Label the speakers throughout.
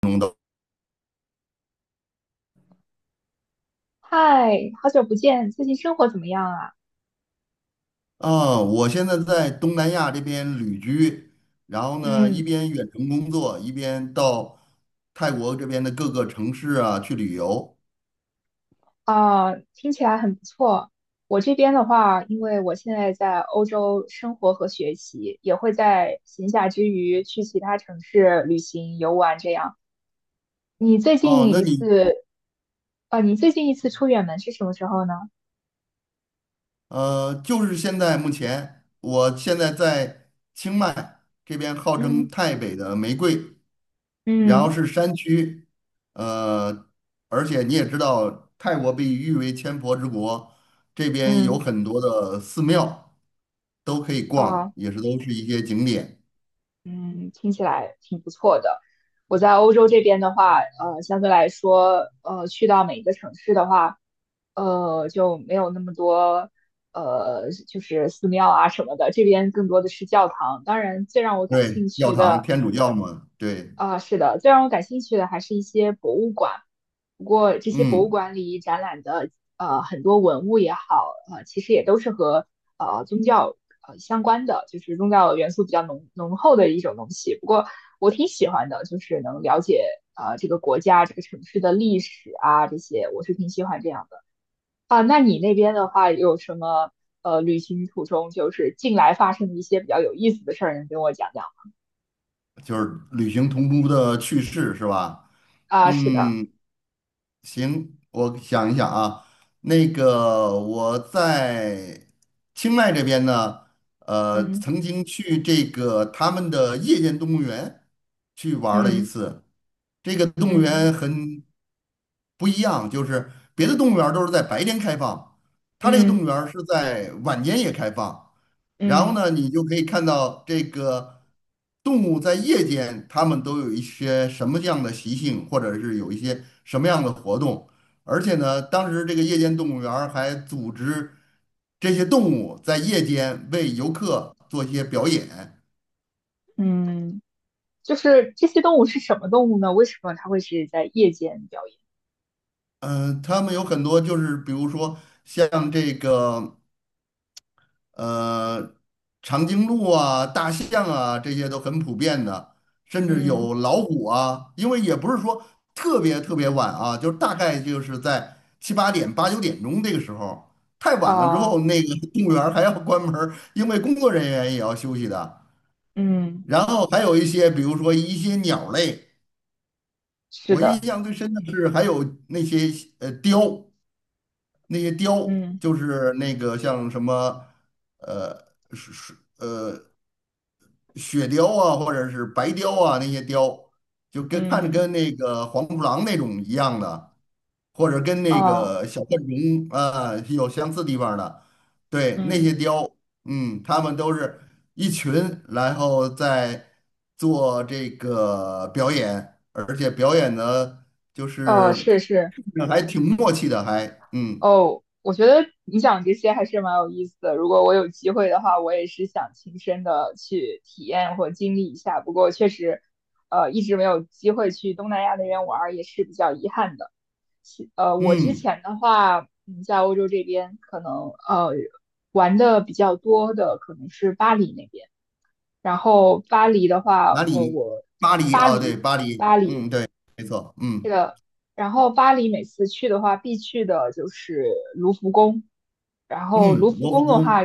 Speaker 1: 懂的
Speaker 2: 嗨，好久不见，最近生活怎么样啊？
Speaker 1: 啊，我现在在东南亚这边旅居，然后呢，一
Speaker 2: 嗯，
Speaker 1: 边远程工作，一边到泰国这边的各个城市啊去旅游。
Speaker 2: 啊，听起来很不错。我这边的话，因为我现在在欧洲生活和学习，也会在闲暇之余去其他城市旅行、游玩这样。你最
Speaker 1: 哦，
Speaker 2: 近
Speaker 1: 那
Speaker 2: 一
Speaker 1: 你
Speaker 2: 次，啊，你最近一次出远门是什么时候呢？
Speaker 1: 就是现在目前，我现在在清迈这边，号称
Speaker 2: 嗯
Speaker 1: 泰北的玫瑰，然后
Speaker 2: 嗯
Speaker 1: 是山区，呃，而且你也知道，泰国被誉为千佛之国，这边有
Speaker 2: 嗯，
Speaker 1: 很多的寺庙都可以逛，
Speaker 2: 啊。
Speaker 1: 也是都是一些景点。
Speaker 2: 嗯，听起来挺不错的。我在欧洲这边的话，相对来说，去到每一个城市的话，就没有那么多，就是寺庙啊什么的，这边更多的是教堂。当然，最让我感
Speaker 1: 对，
Speaker 2: 兴
Speaker 1: 教
Speaker 2: 趣
Speaker 1: 堂
Speaker 2: 的，
Speaker 1: 天主教嘛，对，
Speaker 2: 啊，是的，最让我感兴趣的还是一些博物馆。不过这些博物
Speaker 1: 嗯，
Speaker 2: 馆里展览的很多文物也好，其实也都是和宗教相关的，就是宗教元素比较浓厚的一种东西。不过我挺喜欢的，就是能了解这个国家、这个城市的历史啊这些，我是挺喜欢这样的。啊，那你那边的话有什么旅行途中就是近来发生的一些比较有意思的事儿，能跟我讲讲？
Speaker 1: 就是旅行同舟的趣事是吧？
Speaker 2: 啊，是的，
Speaker 1: 嗯，行，我想一想啊，那个我在清迈这边呢，
Speaker 2: 嗯
Speaker 1: 曾经去这个他们的夜间动物园去玩儿了一
Speaker 2: 嗯。
Speaker 1: 次，这个动物
Speaker 2: 嗯
Speaker 1: 园很不一样，就是别的动物园儿都是在白天开放，它这个动
Speaker 2: 嗯
Speaker 1: 物园儿是在晚间也开放。然后
Speaker 2: 嗯
Speaker 1: 呢，你就可以看到这个动物在夜间，它们都有一些什么样的习性，或者是有一些什么样的活动。而且呢，当时这个夜间动物园儿还组织这些动物在夜间为游客做一些表演。
Speaker 2: 嗯，就是这些动物是什么动物呢？为什么它会是在夜间表演？
Speaker 1: 他们有很多就是，比如说像这个。呃，长颈鹿啊、大象啊，这些都很普遍的，甚至
Speaker 2: 嗯
Speaker 1: 有老虎啊。因为也不是说特别特别晚啊，就是大概就是在七八点、八九点钟这个时候，太晚了之
Speaker 2: 啊
Speaker 1: 后，那个 动物园儿还要关门儿因为工作人员也要休息的。
Speaker 2: 嗯，
Speaker 1: 然后还有一些，比如说一些鸟类，
Speaker 2: 是
Speaker 1: 我印
Speaker 2: 的，
Speaker 1: 象最深的是还有那些雕，那些雕
Speaker 2: 嗯
Speaker 1: 就是那个像什么是是。雪雕啊，或者是白雕啊那些雕就跟看着
Speaker 2: 嗯
Speaker 1: 跟那个黄鼠狼那种一样的，或者跟那
Speaker 2: 哦
Speaker 1: 个小浣熊啊有相似地方的，对，那
Speaker 2: 嗯
Speaker 1: 些雕，嗯，他们都是一群，然后在做这个表演，而且表演的就
Speaker 2: 哦，
Speaker 1: 是
Speaker 2: 是是
Speaker 1: 还挺默契的，还嗯
Speaker 2: 哦，我觉得你讲这些还是蛮有意思的。如果我有机会的话，我也是想亲身的去体验或经历一下。不过确实，一直没有机会去东南亚那边玩儿，也是比较遗憾的。我之
Speaker 1: 嗯，
Speaker 2: 前的话，在欧洲这边可能玩的比较多的可能是巴黎那边，然后巴黎的话，
Speaker 1: 哪里？
Speaker 2: 我
Speaker 1: 巴黎
Speaker 2: 巴
Speaker 1: 啊，对，
Speaker 2: 黎
Speaker 1: 巴黎，
Speaker 2: 巴
Speaker 1: 嗯，
Speaker 2: 黎，
Speaker 1: 对，没错，嗯
Speaker 2: 然后巴黎每次去的话必去的就是卢浮宫，然后
Speaker 1: 嗯，
Speaker 2: 卢浮
Speaker 1: 罗浮
Speaker 2: 宫的话，
Speaker 1: 宫。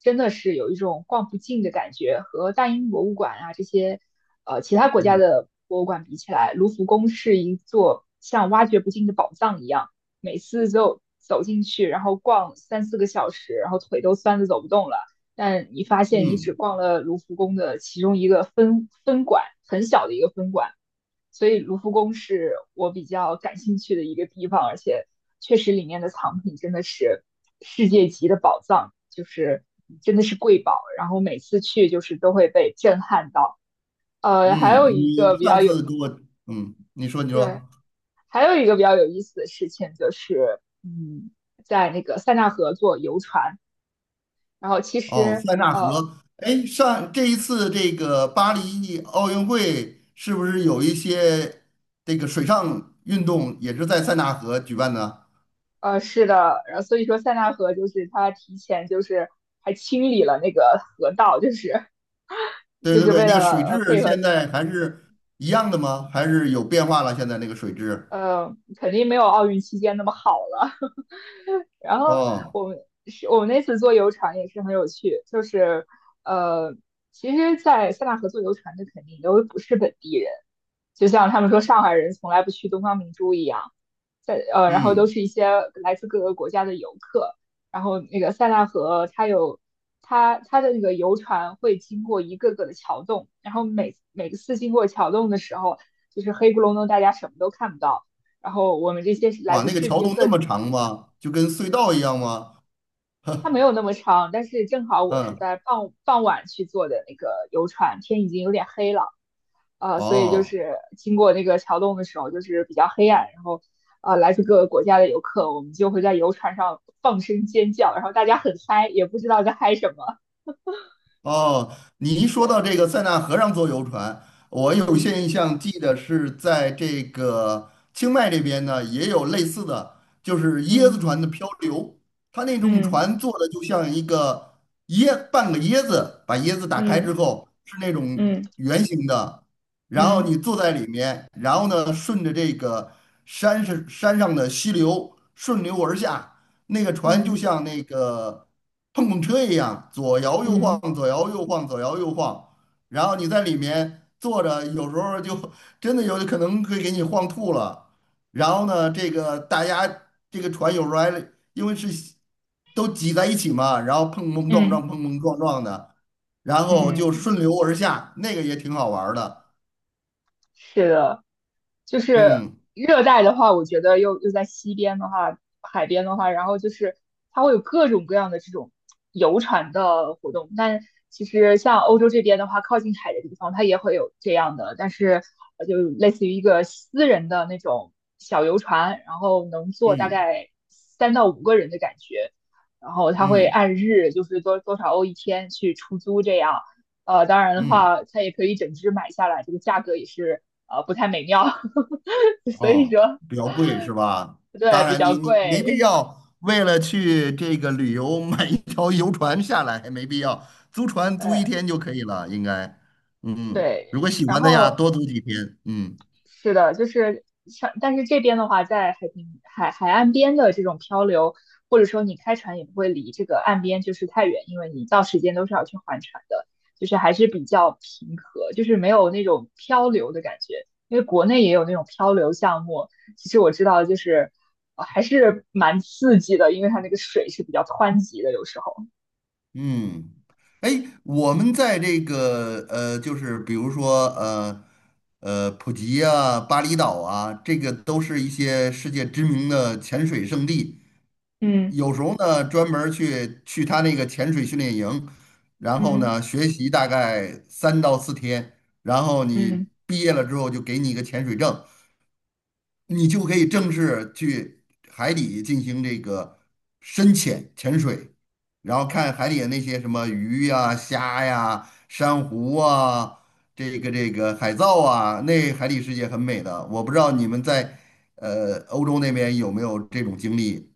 Speaker 2: 真的是有一种逛不尽的感觉，和大英博物馆啊这些，其他国家
Speaker 1: 嗯
Speaker 2: 的博物馆比起来，卢浮宫是一座像挖掘不尽的宝藏一样，每次就走进去，然后逛三四个小时，然后腿都酸的走不动了。但你发现你只
Speaker 1: 嗯
Speaker 2: 逛了卢浮宫的其中一个分馆，很小的一个分馆，所以卢浮宫是我比较感兴趣的一个地方，而且确实里面的藏品真的是世界级的宝藏，就是真的是瑰宝。然后每次去就是都会被震撼到。呃，还有
Speaker 1: 嗯，
Speaker 2: 一
Speaker 1: 你
Speaker 2: 个比
Speaker 1: 上
Speaker 2: 较有
Speaker 1: 次给我，嗯，你说你
Speaker 2: 对，
Speaker 1: 说，
Speaker 2: 还有一个比较有意思的事情就是，嗯，在那个塞纳河坐游船，然后其
Speaker 1: 哦，
Speaker 2: 实
Speaker 1: 塞纳
Speaker 2: 呃
Speaker 1: 河，哎，上这一次这个巴黎奥运会是不是有一些这个水上运动也是在塞纳河举办的？
Speaker 2: 呃是的，然后所以说塞纳河就是它提前就是还清理了那个河道，
Speaker 1: 对
Speaker 2: 就
Speaker 1: 对
Speaker 2: 是
Speaker 1: 对，
Speaker 2: 为
Speaker 1: 那个
Speaker 2: 了
Speaker 1: 水质
Speaker 2: 配合
Speaker 1: 现在还是一样的吗？还是有变化了？现在那个水质？
Speaker 2: 肯定没有奥运期间那么好了。然后
Speaker 1: 哦，
Speaker 2: 我们是我们那次坐游船也是很有趣，呃，其实，在塞纳河坐游船的肯定都不是本地人，就像他们说上海人从来不去东方明珠一样，然后都
Speaker 1: 嗯，
Speaker 2: 是一些来自各个国家的游客。然后那个塞纳河，它有它它的那个游船会经过一个个的桥洞，然后每次经过桥洞的时候，就是黑咕隆咚，大家什么都看不到。然后我们这些是来
Speaker 1: 哇，
Speaker 2: 自
Speaker 1: 那个
Speaker 2: 世
Speaker 1: 桥
Speaker 2: 界
Speaker 1: 洞那
Speaker 2: 各
Speaker 1: 么长吗？就跟隧道一样吗？
Speaker 2: 它没有那么长，但是正好我是
Speaker 1: 嗯，
Speaker 2: 在傍晚去坐的那个游船，天已经有点黑了，所以就
Speaker 1: 哦。
Speaker 2: 是经过那个桥洞的时候，就是比较黑暗，然后来自各个国家的游客，我们就会在游船上放声尖叫，然后大家很嗨，也不知道在嗨什么。
Speaker 1: 哦，你一说到
Speaker 2: 对，
Speaker 1: 这个塞纳河上坐游船，我有
Speaker 2: 嗯
Speaker 1: 些印象记得是在这个清迈这边呢，也有类似的，就是椰子
Speaker 2: 嗯
Speaker 1: 船的漂流。它那种
Speaker 2: 嗯
Speaker 1: 船做的就像一个半个椰子，把椰子打开
Speaker 2: 嗯
Speaker 1: 之后是那种
Speaker 2: 嗯
Speaker 1: 圆形的，然后你
Speaker 2: 嗯
Speaker 1: 坐在里面，然后呢顺着这个山上的溪流顺流而下，那个船
Speaker 2: 嗯
Speaker 1: 就
Speaker 2: 嗯
Speaker 1: 像那个碰碰车一样，左摇右晃，
Speaker 2: 嗯
Speaker 1: 左摇右晃，左摇右晃，然后你在里面坐着，有时候就 真的有可能会给你晃吐了。然后呢，这个大家这个船有时候还因为是都挤在一起嘛，然后碰碰
Speaker 2: 嗯。
Speaker 1: 撞
Speaker 2: 嗯嗯
Speaker 1: 撞，碰碰撞撞的，然后就
Speaker 2: 嗯
Speaker 1: 顺流而下，那个也挺好玩儿的。
Speaker 2: 是的，就是
Speaker 1: 嗯
Speaker 2: 热带的话，我觉得又在西边的话，海边的话，然后就是它会有各种各样的这种游船的活动。但其实像欧洲这边的话，靠近海的地方，它也会有这样的，但是就类似于一个私人的那种小游船，然后能坐大
Speaker 1: 嗯
Speaker 2: 概三到五个人的感觉。然后他会
Speaker 1: 嗯
Speaker 2: 按日，就是多少欧一天去出租这样。当然的
Speaker 1: 嗯。
Speaker 2: 话，它也可以整只买下来，这个价格也是不太美妙 所以
Speaker 1: 哦，
Speaker 2: 说
Speaker 1: 比较贵是吧？
Speaker 2: 对
Speaker 1: 当
Speaker 2: 比
Speaker 1: 然
Speaker 2: 较
Speaker 1: 你没必
Speaker 2: 贵，
Speaker 1: 要为了
Speaker 2: 嗯，
Speaker 1: 去这个旅游买一条游船下来，没必要，租船租一
Speaker 2: 对
Speaker 1: 天就可以了，应该。嗯，
Speaker 2: 对，
Speaker 1: 如果喜
Speaker 2: 然
Speaker 1: 欢的呀，
Speaker 2: 后
Speaker 1: 多租几天。嗯。
Speaker 2: 是的，就是像但是这边的话，在海平海海岸边的这种漂流，或者说你开船也不会离这个岸边就是太远，因为你到时间都是要去还船的，就是还是比较平和，就是没有那种漂流的感觉。因为国内也有那种漂流项目，其实我知道就是、还是蛮刺激的，因为它那个水是比较湍急的，有时候。
Speaker 1: 嗯，哎，我们在这个就是比如说普吉啊、巴厘岛啊，这个都是一些世界知名的潜水胜地。
Speaker 2: 嗯
Speaker 1: 有时候呢，专门儿去他那个潜水训练营，然后
Speaker 2: 嗯
Speaker 1: 呢学习大概3到4天，然后
Speaker 2: 嗯，
Speaker 1: 你毕业了之后就给你一个潜水证，你就可以正式去海底进行这个深潜潜水，然后看海底的那些什么鱼呀、虾呀、珊瑚啊，这个海藻啊，那海底世界很美的。我不知道你们在欧洲那边有没有这种经历？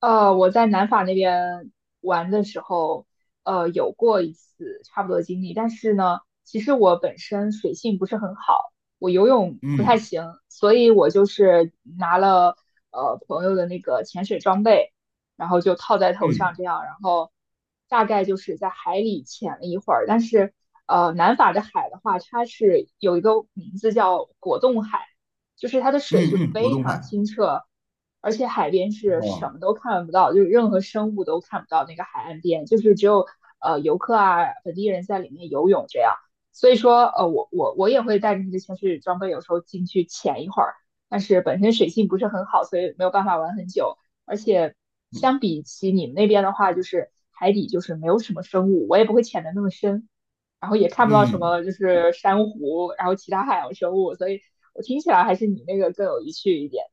Speaker 2: 我在南法那边玩的时候，有过一次差不多的经历，但是呢，其实我本身水性不是很好，我游泳不太
Speaker 1: 嗯
Speaker 2: 行，所以我就是拿了朋友的那个潜水装备，然后就套在头上
Speaker 1: 嗯
Speaker 2: 这样，然后大概就是在海里潜了一会儿，但是南法的海的话，它是有一个名字叫果冻海。就是它的
Speaker 1: 嗯
Speaker 2: 水是
Speaker 1: 嗯，嗯果
Speaker 2: 非
Speaker 1: 冻
Speaker 2: 常
Speaker 1: 海
Speaker 2: 清澈，而且海边是什
Speaker 1: 哦，
Speaker 2: 么都看不到，就是任何生物都看不到那个海岸边，就是只有游客啊本地人在里面游泳这样。所以说，我也会带着这些潜水装备，有时候进去潜一会儿，但是本身水性不是很好，所以没有办法玩很久。而且相比起你们那边的话，就是海底就是没有什么生物，我也不会潜的那么深。然后也看不到什
Speaker 1: 嗯。
Speaker 2: 么就是珊瑚，然后其他海洋生物，所以我听起来还是你那个更有意趣一点。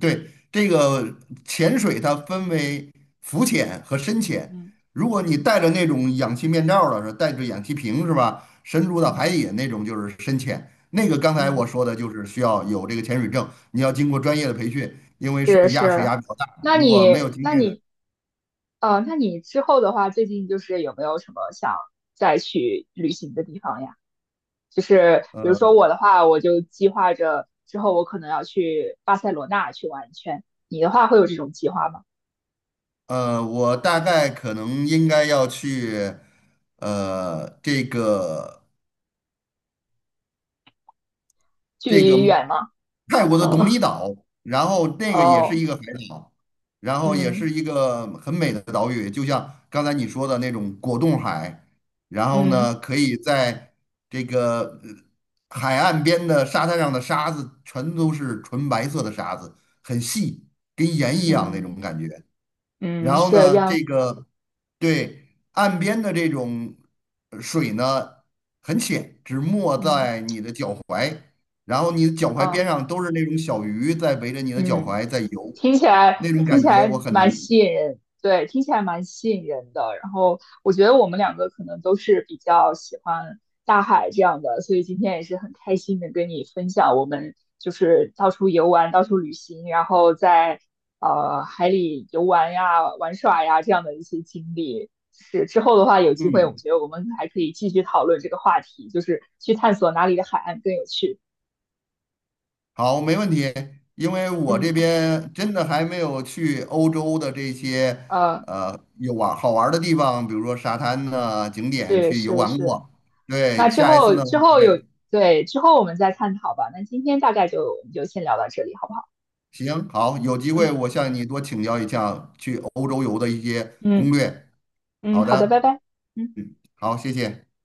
Speaker 1: 对，这个潜水它分为浮潜和深潜。
Speaker 2: 嗯
Speaker 1: 如果你
Speaker 2: 嗯
Speaker 1: 带着那种氧气面罩儿的，是带着氧气瓶是吧？深入到
Speaker 2: 嗯，
Speaker 1: 海底那种就是深潜。那个刚才我
Speaker 2: 嗯，
Speaker 1: 说的就是需要有这个潜水证，你要经过专业的培训，因为
Speaker 2: 是
Speaker 1: 水压水
Speaker 2: 是。
Speaker 1: 压比较大，
Speaker 2: 那
Speaker 1: 如果没
Speaker 2: 你
Speaker 1: 有经
Speaker 2: 那
Speaker 1: 验的，
Speaker 2: 你那你之后的话，最近就是有没有什么想再去旅行的地方呀？就是比如
Speaker 1: 呃
Speaker 2: 说我的话，我就计划着之后我可能要去巴塞罗那去玩一圈。你的话会有这种计划吗？
Speaker 1: 我大概可能应该要去这个。
Speaker 2: 距
Speaker 1: 这个
Speaker 2: 离远吗？
Speaker 1: 泰国的董米
Speaker 2: 嗯，
Speaker 1: 岛，然后 那个也是
Speaker 2: 哦，
Speaker 1: 一个海岛，然后也
Speaker 2: 嗯
Speaker 1: 是一个很美的岛屿，就像刚才你说的那种果冻海，然后呢，
Speaker 2: 嗯
Speaker 1: 可以在这个海岸边的沙滩上的沙子全都是纯白色的沙子，很细，跟盐一样那种
Speaker 2: 嗯。
Speaker 1: 感觉。
Speaker 2: 嗯，
Speaker 1: 然后
Speaker 2: 是这
Speaker 1: 呢，
Speaker 2: 样。
Speaker 1: 这个对岸边的这种水呢很浅，只没
Speaker 2: 嗯，
Speaker 1: 在你的脚踝，然后你的脚踝边
Speaker 2: 啊，
Speaker 1: 上都是那种小鱼在围着你的脚
Speaker 2: 嗯，
Speaker 1: 踝在游，
Speaker 2: 听起来
Speaker 1: 那种
Speaker 2: 听
Speaker 1: 感
Speaker 2: 起
Speaker 1: 觉
Speaker 2: 来
Speaker 1: 我很
Speaker 2: 蛮
Speaker 1: 难。
Speaker 2: 吸引人，对，听起来蛮吸引人的。然后我觉得我们两个可能都是比较喜欢大海这样的，所以今天也是很开心的跟你分享我们就是到处游玩、到处旅行，然后在海里游玩呀、玩耍呀这样的一些经历。是之后的话，有机会我
Speaker 1: 嗯，
Speaker 2: 觉得我们还可以继续讨论这个话题，就是去探索哪里的海岸更有趣。
Speaker 1: 好，没问题，因为我
Speaker 2: 嗯，
Speaker 1: 这边真的还没有去欧洲的这些
Speaker 2: 呃。
Speaker 1: 呃有玩好玩儿的地方，比如说沙滩呐、景点
Speaker 2: 是
Speaker 1: 去游
Speaker 2: 是
Speaker 1: 玩
Speaker 2: 是，
Speaker 1: 过。
Speaker 2: 那
Speaker 1: 对，
Speaker 2: 之
Speaker 1: 下一次
Speaker 2: 后
Speaker 1: 呢，
Speaker 2: 之后有，对，之后我们再探讨吧。那今天大概我们就先聊到这里，好不好？
Speaker 1: 行，好，有机会
Speaker 2: 嗯
Speaker 1: 我向你多请教一下去欧洲游的一些攻
Speaker 2: 嗯
Speaker 1: 略。
Speaker 2: 嗯，
Speaker 1: 好
Speaker 2: 好的，拜
Speaker 1: 的，
Speaker 2: 拜。嗯。
Speaker 1: 嗯，好，谢谢。